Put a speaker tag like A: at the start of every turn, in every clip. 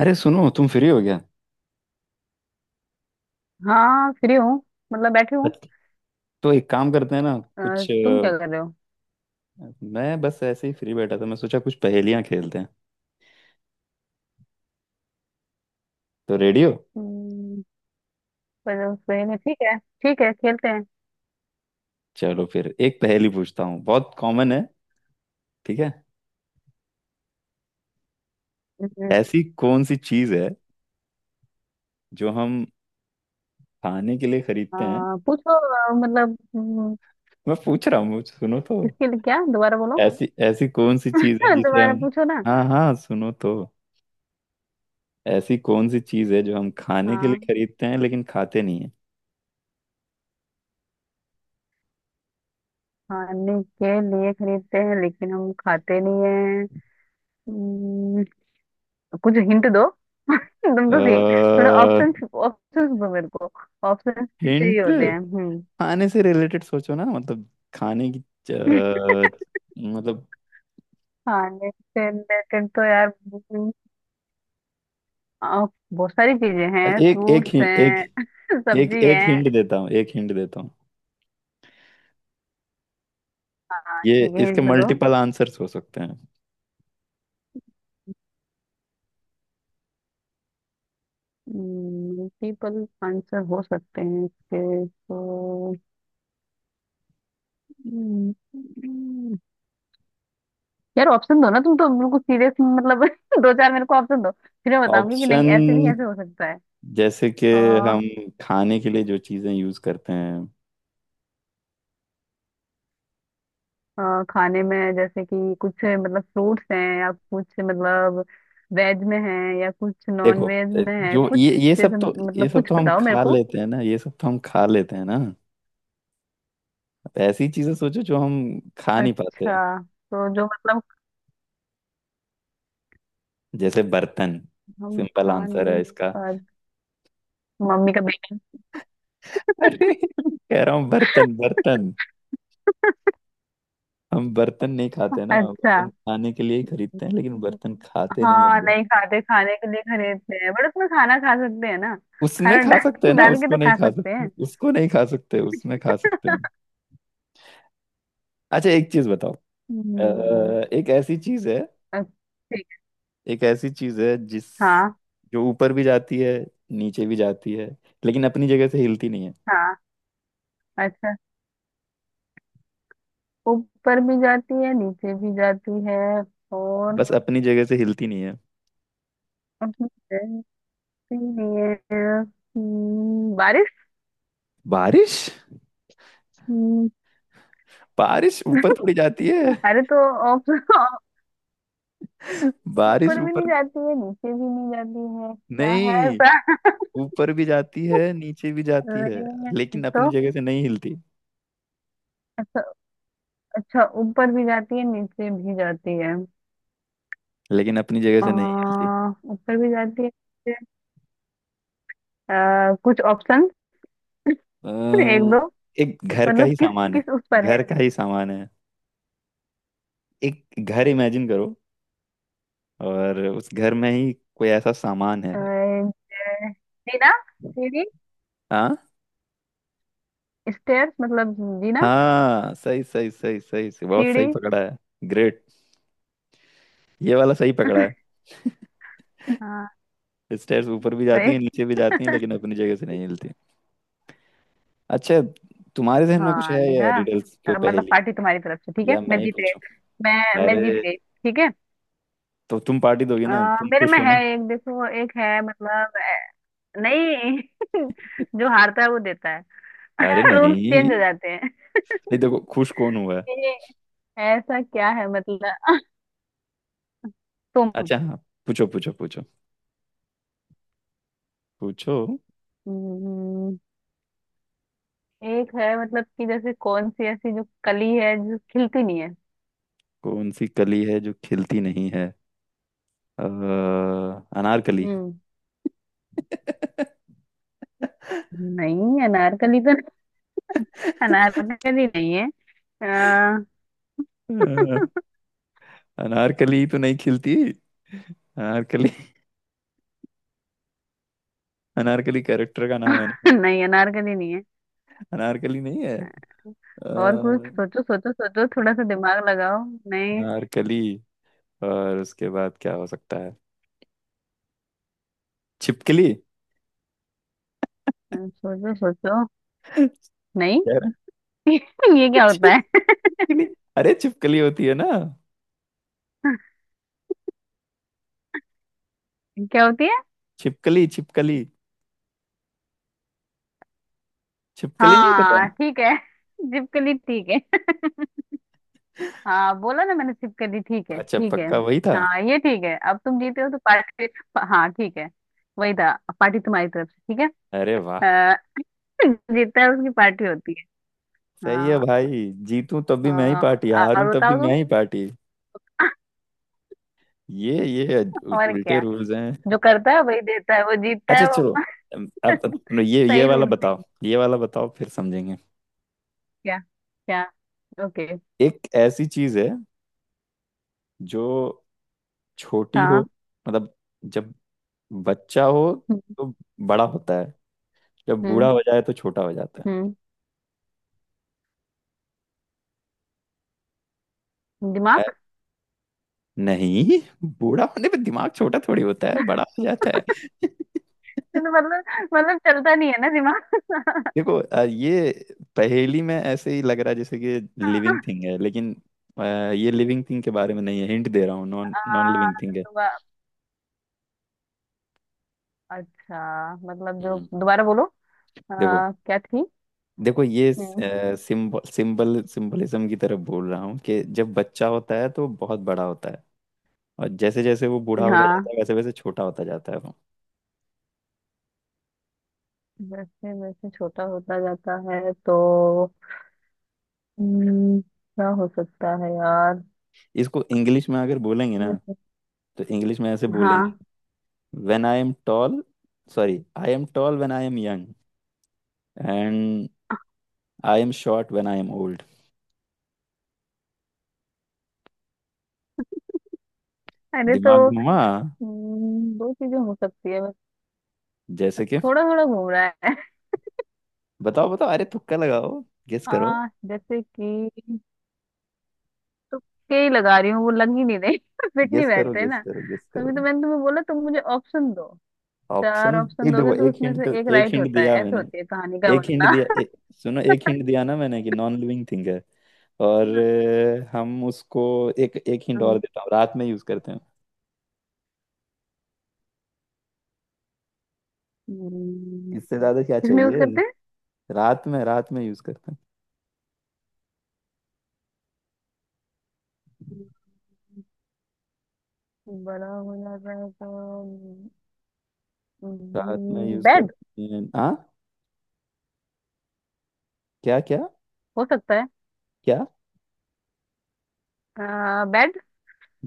A: अरे सुनो, तुम फ्री हो गया।
B: हाँ, फ्री हूँ। मतलब बैठी हूँ।
A: बत- तो एक काम करते हैं ना
B: अ,
A: कुछ।
B: तुम क्या कर रहे हो?
A: मैं बस ऐसे ही फ्री बैठा था, मैं सोचा कुछ पहेलियां खेलते हैं तो रेडियो।
B: हम्म, पर सही में ठीक है? ठीक है, खेलते हैं।
A: चलो फिर एक पहेली पूछता हूँ, बहुत कॉमन है। ठीक है।
B: हम्म,
A: ऐसी कौन सी चीज है जो हम खाने के लिए खरीदते हैं।
B: पूछो। मतलब
A: मैं पूछ रहा हूँ, सुनो तो।
B: किसके लिए, क्या? दोबारा बोलो।
A: ऐसी ऐसी कौन सी चीज है जिसे
B: दोबारा
A: हम।
B: पूछो ना।
A: हाँ हाँ, सुनो तो। ऐसी कौन सी चीज है जो हम खाने के लिए
B: हाँ,
A: खरीदते हैं लेकिन खाते नहीं है।
B: खाने के लिए खरीदते हैं लेकिन हम खाते नहीं हैं। हम्म, कुछ हिंट दो। तुम तो सी- थोड़े ऑप्शन ऑप्शन दो मेरे को। ऑप्शन चाहिए
A: हिंट।
B: होते हैं। हम्म।
A: खाने से रिलेटेड सोचो ना, मतलब खाने की। अ, मतलब।
B: खाने से रिलेटेड तो, यार, आ, बहुत सारी चीजें हैं,
A: एक एक
B: फ्रूट्स
A: हि- एक
B: हैं,
A: एक
B: सब्जी
A: एक
B: है।
A: हिंट देता हूँ। एक हिंट देता हूँ। ये
B: ठीक है,
A: इसके
B: हिंट दो।
A: मल्टीपल आंसर्स हो सकते हैं।
B: मल्टीपल आंसर हो सकते हैं इसके तो। हम्म। यार, ऑप्शन दो ना। तुम तो बिल्कुल सीरियस, मतलब। दो चार मेरे को ऑप्शन दो, फिर मैं बताऊंगी कि नहीं
A: ऑप्शन
B: ऐसे, नहीं ऐसे हो सकता है।
A: जैसे कि
B: आ,
A: हम खाने के लिए जो चीजें यूज करते हैं।
B: आ, खाने में जैसे कि कुछ, मतलब, फ्रूट्स हैं या कुछ, मतलब, वेज में है, या कुछ नॉन
A: देखो,
B: वेज में है
A: जो
B: कुछ।
A: ये
B: जैसे
A: सब तो। ये
B: मतलब
A: सब
B: कुछ
A: तो हम
B: बताओ मेरे
A: खा
B: को।
A: लेते हैं ना। ये सब तो हम खा लेते हैं ना। ऐसी चीजें सोचो जो हम खा नहीं पाते हैं।
B: अच्छा, तो जो मतलब
A: जैसे बर्तन।
B: हम
A: सिंपल
B: खा
A: आंसर है
B: नहीं
A: इसका।
B: पाते। मम्मी का बेटा।
A: अरे कह रहा हूँ, बर्तन बर्तन। हम बर्तन नहीं खाते ना,
B: अच्छा,
A: बर्तन खाने के लिए ही खरीदते हैं, लेकिन बर्तन खाते नहीं हैं
B: हाँ,
A: हम लोग।
B: नहीं खाते, खाने के लिए खरीदते हैं, बट उसमें खाना खा सकते हैं ना।
A: उसमें
B: खाना
A: खा सकते हैं
B: डाल
A: ना,
B: डाल के
A: उसको
B: तो
A: नहीं
B: खा
A: खा
B: सकते
A: सकते।
B: हैं।
A: उसको नहीं खा सकते, उसमें खा सकते हैं। अच्छा, एक चीज बताओ। अ,
B: हम्म।
A: एक ऐसी चीज है
B: अच्छा, ठीक
A: एक ऐसी चीज है जिस
B: है। हाँ।
A: जो ऊपर भी जाती है, नीचे भी जाती है, लेकिन अपनी जगह से हिलती नहीं है।
B: हाँ, अच्छा, ऊपर भी जाती है, नीचे भी जाती है, और
A: बस अपनी जगह से हिलती नहीं है।
B: उसमें रहती नहीं है। बारिश।
A: बारिश।
B: हम्म,
A: बारिश ऊपर थोड़ी जाती है।
B: अरे तो, ऑप्शन,
A: बारिश
B: ऊपर भी नहीं
A: ऊपर
B: जाती है, नीचे भी नहीं जाती है, क्या है
A: नहीं।
B: ऐसा?
A: ऊपर भी जाती है, नीचे भी जाती है,
B: अरे,
A: लेकिन अपनी
B: तो,
A: जगह से नहीं हिलती।
B: अच्छा, अच्छा, ऊपर भी जाती है, नीचे भी जाती है।
A: लेकिन अपनी जगह
B: आ,
A: से नहीं हिलती।
B: ऊपर भी जाती है, नीचे। कुछ ऑप्शन,
A: अ,
B: एक दो।
A: एक घर का
B: मतलब
A: ही
B: किस
A: सामान है।
B: किस उस पर है?
A: घर का ही सामान है। एक घर इमेजिन करो, और उस घर में ही कोई ऐसा सामान है।
B: अ, ज- जीना, सीढ़ी,
A: हाँ।
B: स्टेयर्स, मतलब जीना,
A: हाँ, सही सही सही सही सही, बहुत
B: सीढ़ी।
A: सही पकड़ा है। ग्रेट। ये वाला सही पकड़ा
B: हाँ,
A: है। स्टेयर्स ऊपर भी जाती हैं,
B: सही।
A: नीचे भी जाती हैं, लेकिन अपनी जगह से नहीं हिलती। अच्छा, तुम्हारे जहन में कुछ
B: हाँ,
A: है या
B: देखा।
A: रिडल्स, कोई
B: अब मतलब
A: पहेली,
B: पार्टी तुम्हारी तरफ से, ठीक है,
A: या मैं
B: मैं
A: ही
B: जीत गई।
A: पूछूं।
B: मैं जीत
A: अरे,
B: गई, ठीक है।
A: तो तुम पार्टी दोगी ना, तुम
B: मेरे
A: खुश
B: में
A: हो
B: है
A: ना।
B: एक, देखो, एक है, मतलब, नहीं। जो हारता है वो देता है।
A: अरे नहीं।
B: रूल्स चेंज
A: नहीं,
B: हो जाते हैं।
A: देखो खुश कौन हुआ है।
B: ये, ऐसा क्या है, मतलब, तुम।
A: अच्छा हाँ, पूछो पूछो पूछो। पूछो।
B: हम्म, एक है, मतलब कि जैसे कौन सी ऐसी जो कली है जो खिलती नहीं है?
A: कौन सी कली है जो खिलती नहीं है। अ, अनारकली।
B: हम्म। नहीं अनारकली तो नहीं- अनारकली नहीं है। अ,
A: अ, अनारकली तो नहीं खिलती। अनारकली। अनारकली कैरेक्टर का नाम है ना।
B: नहीं, अनारकली नहीं है।
A: अनारकली नहीं है। अ,
B: और कुछ सोचो, सोचो, सोचो, थोड़ा सा दिमाग लगाओ। नहीं,
A: अनारकली और उसके बाद क्या हो सकता है। छिपकली।
B: सोचो, सोचो।
A: कह
B: नहीं।
A: रहा-
B: ये क्या होता है?
A: छिपकली। अरे, छिपकली होती है ना।
B: क्या होती है?
A: छिपकली छिपकली। छिपकली नहीं पता।
B: हाँ, ठीक है, छिपकली, ठीक है। हाँ, बोला ना मैंने, छिपकली ठीक है,
A: अच्छा,
B: ठीक है।
A: पक्का वही था।
B: हाँ, ये ठीक है, अब तुम जीते हो तो पार्टी। हाँ, ठीक है। वही था। पार्टी तुम्हारी तरफ से, ठीक है।
A: अरे वाह।
B: अ, जीतता है उसकी पार्टी होती है।
A: सही है
B: हाँ।
A: भाई, जीतूं तब
B: अ,
A: भी मैं ही पार्टी, हारूं
B: और
A: तब भी
B: बताओ
A: मैं
B: तुम।
A: ही पार्टी। ये
B: और
A: उल्टे
B: क्या,
A: रूल्स हैं।
B: जो करता है वही देता है, वो जीतता
A: अच्छा
B: है वो।
A: चलो। अब ये ये
B: सही
A: वाला
B: रूल
A: बताओ।
B: है।
A: ये वाला बताओ, फिर समझेंगे।
B: क्या? क्या? ओके।
A: एक ऐसी चीज है जो छोटी हो,
B: हाँ,
A: मतलब जब बच्चा हो
B: हम्म,
A: तो बड़ा होता है, जब बूढ़ा
B: हम्म,
A: हो जाए तो छोटा हो जाता है।
B: दिमाग।
A: नहीं, बूढ़ा होने पे दिमाग छोटा थोड़ी होता है, बड़ा हो जाता है
B: मतलब मतलब चलता नहीं है ना दिमाग।
A: देखो, ये पहेली में ऐसे ही लग रहा है जैसे कि लिविंग थिंग है, लेकिन अ, ये लिविंग थिंग के बारे में नहीं है। हिंट दे रहा हूँ, नॉन नॉन लिविंग थिंग है।
B: आ, अच्छा, मतलब जो,
A: हम्म।
B: दोबारा बोलो।
A: देखो,
B: क्या थी?
A: देखो, ये
B: हम्म।
A: सिंबल सिंबल सिंबलिज्म की तरफ बोल रहा हूँ कि जब बच्चा होता है तो बहुत बड़ा होता है, और जैसे जैसे वो बूढ़ा होता जाता
B: हाँ,
A: है वैसे वैसे छोटा होता जाता है वो।
B: जैसे जैसे छोटा होता जाता है तो, क्या हो सकता है यार?
A: इसको इंग्लिश में अगर बोलेंगे ना,
B: हम्म।
A: तो इंग्लिश में ऐसे बोलेंगे।
B: हाँ।
A: When I am tall. Sorry, I am tall when I am young, and I am short when I am old.
B: अरे तो,
A: दिमाग घुमा।
B: दो चीजें हो सकती है बस।
A: जैसे कि
B: थोड़ा थोड़ा घूम रहा है।
A: बताओ बताओ। अरे, तुक्का लगाओ। गेस करो।
B: हाँ, जैसे कि, तुक्के ही लगा रही हूँ, वो लग ही नहीं रही। फिट नहीं
A: गेस करो।
B: बैठ रहे
A: गेस
B: ना।
A: करो। गेस
B: तभी तो
A: करो।
B: मैंने तुम्हें बोला, तुम मुझे ऑप्शन दो। चार
A: ऑप्शन।
B: ऑप्शन
A: एक
B: दोगे
A: देखो,
B: तो
A: एक
B: उसमें
A: हिंट
B: से
A: तो
B: एक
A: एक
B: राइट
A: हिंट
B: होता है,
A: दिया
B: ऐसे
A: मैंने।
B: होती है कहानी का
A: एक हिंट दिया,
B: मतलब।
A: सुनो, एक हिंट दिया ना मैंने कि नॉन लिविंग थिंग है। और हम उसको। एक एक हिंट और देता हूँ, रात में यूज करते हैं।
B: हम्म,
A: इससे ज्यादा क्या
B: किसमें यूज
A: चाहिए।
B: करते हैं?
A: रात में, रात में यूज करते हैं।
B: बड़ा हो जाता है तो,
A: रात में यूज
B: बेड
A: करते हैं, हाँ। क्या क्या
B: हो सकता है।
A: क्या।
B: बेड।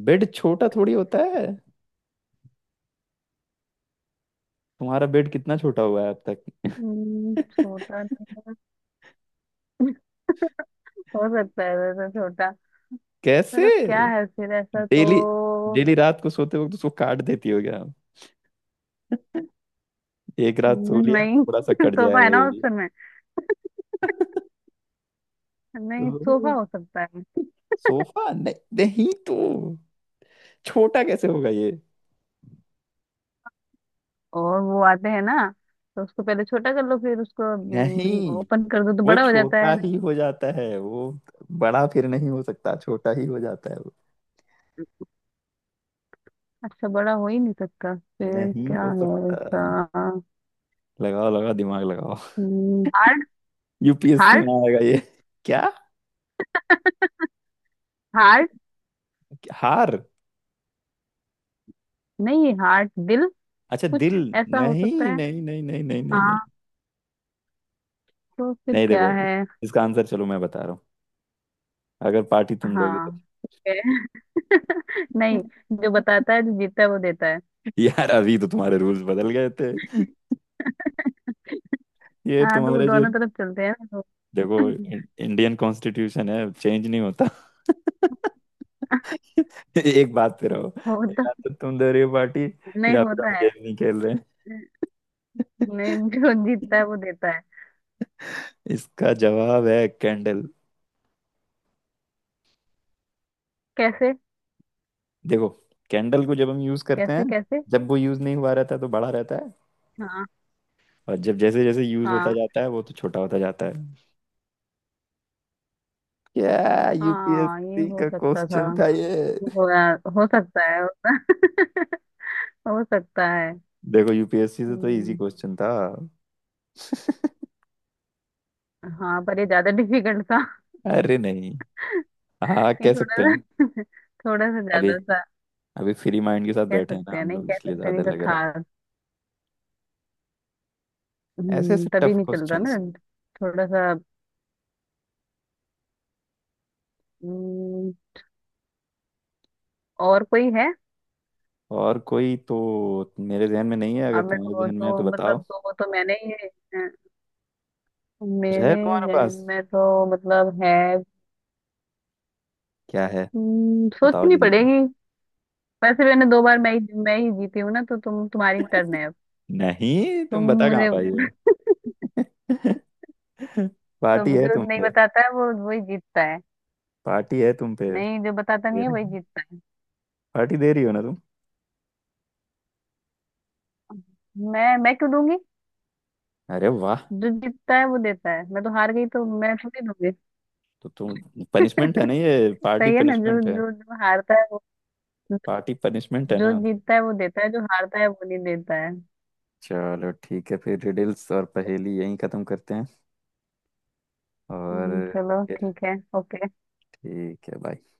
A: बेड छोटा थोड़ी होता है। तुम्हारा बेड कितना छोटा हुआ है अब तक
B: छोटा नहीं है। हो सकता है वैसे छोटा।
A: कैसे।
B: पर अब क्या है फिर, ऐसा तो।
A: डेली, डेली रात को सोते वक्त उसको काट देती हो क्या। एक रात सो लिया,
B: नहीं।
A: थोड़ा सा कट
B: सोफा है
A: जाएगा ये
B: ना,
A: भी।
B: ऑप्शन में।
A: तो
B: नहीं, सोफा हो सकता है।
A: सोफा नहीं। नहीं तो छोटा कैसे होगा ये।
B: और वो आते हैं ना, तो उसको पहले छोटा कर लो, फिर उसको
A: नहीं,
B: ओपन कर दो तो
A: वो
B: बड़ा हो जाता
A: छोटा
B: है।
A: ही हो जाता है वो। बड़ा फिर नहीं हो सकता, छोटा ही हो जाता है वो।
B: अच्छा, बड़ा हो ही नहीं सकता फिर,
A: नहीं
B: क्या
A: हो
B: है ऐसा?
A: सकता। लगाओ लगाओ, दिमाग लगाओ।
B: हार्ट।
A: UPSC
B: heart.
A: में आएगा ये। क्या।
B: हार्ट।
A: हार।
B: नहीं, हार्ट, दिल,
A: अच्छा
B: कुछ
A: दिल।
B: ऐसा हो
A: नहीं
B: सकता है।
A: नहीं नहीं नहीं नहीं नहीं नहीं
B: हाँ, तो फिर
A: नहीं।
B: क्या
A: देखो,
B: है?
A: इसका आंसर चलो मैं बता रहा हूँ। अगर पार्टी तुम दोगे तो।
B: हाँ, ठीक है। नहीं, जो बताता है, जो जीतता है वो देता है।
A: यार, अभी तो तुम्हारे रूल्स बदल गए थे। ये
B: हाँ तो, वो
A: तुम्हारे जो,
B: दोनों तरफ चलते हैं ना, तो।
A: देखो इंडियन कॉन्स्टिट्यूशन है, चेंज नहीं होता एक बात पे रहो।
B: होता,
A: या तो तुम दे रही हो पार्टी,
B: नहीं
A: या फिर
B: होता
A: हम
B: है।
A: गेम नहीं खेल रहे।
B: नहीं, जो जीतता है वो देता है।
A: इसका जवाब है कैंडल।
B: कैसे?
A: देखो, कैंडल को जब हम यूज करते हैं,
B: कैसे? कैसे?
A: जब वो यूज नहीं हुआ रहता है तो बड़ा रहता है,
B: हाँ,
A: और जब जैसे जैसे यूज होता
B: हाँ,
A: जाता है वो तो छोटा होता जाता है। क्या
B: हाँ, ये
A: यूपीएससी
B: हो
A: का
B: सकता था।
A: क्वेश्चन था ये।
B: हो, हो सकता है। हो सकता है।
A: देखो, यूपीएससी से तो इजी
B: हम्म।
A: क्वेश्चन था
B: हाँ, पर ये ज्यादा डिफिकल्ट था।
A: अरे नहीं। हाँ,
B: ये
A: कह
B: थोड़ा
A: सकते हैं।
B: सा, थोड़ा सा
A: अभी,
B: ज्यादा सा।
A: अभी फ्री माइंड के साथ
B: कह
A: बैठे हैं ना
B: सकते हैं,
A: हम
B: नहीं
A: लोग,
B: कह
A: इसलिए
B: सकते,
A: ज्यादा
B: नहीं तो
A: लग रहा
B: था।
A: है। ऐसे ऐसे
B: तभी
A: टफ
B: नहीं चल रहा
A: क्वेश्चंस।
B: ना, थोड़ा सा। हम्म। और कोई है?
A: और कोई तो मेरे जहन में नहीं है, अगर
B: अब मैं
A: तुम्हारे
B: दो
A: जहन में है
B: तो,
A: तो
B: मतलब,
A: बताओ।
B: दो तो मैंने ही हैं।
A: कुछ है
B: मेरे
A: तुम्हारे
B: जहन
A: पास।
B: में तो, मतलब, है।
A: क्या है। बताओ
B: सोचनी
A: जल्दी।
B: पड़ेगी। वैसे मैंने दो बार मैं ही, मैं ही जीती हूँ ना, तो तुम, तुम्हारी टर्न है अब।
A: नहीं,
B: तुम
A: तुम बता कहाँ
B: मुझे।
A: पाई हो
B: तो
A: पार्टी है
B: जो
A: तुम
B: नहीं
A: पे।
B: बताता है वो वही जीतता है।
A: पार्टी है तुम पे।
B: नहीं, जो बताता
A: दे
B: नहीं है वही
A: रही-
B: जीतता
A: पार्टी दे रही हो ना तुम।
B: है। मैं क्यों दूंगी?
A: अरे वाह।
B: जो जीतता है वो देता है, मैं तो हार गई तो मैं थोड़ी दूंगी।
A: तो तुम पनिशमेंट है ना ये, पार्टी
B: सही है ना, जो
A: पनिशमेंट।
B: जो जो हारता है वो,
A: पार्टी पनिशमेंट है
B: जो
A: ना।
B: जीतता है वो देता है, जो हारता है वो नहीं देता है।
A: चलो ठीक है, फिर रिडल्स और पहेली यहीं खत्म करते हैं। और
B: चलो
A: फिर
B: ठीक है, ओके।
A: ठीक है, बाय।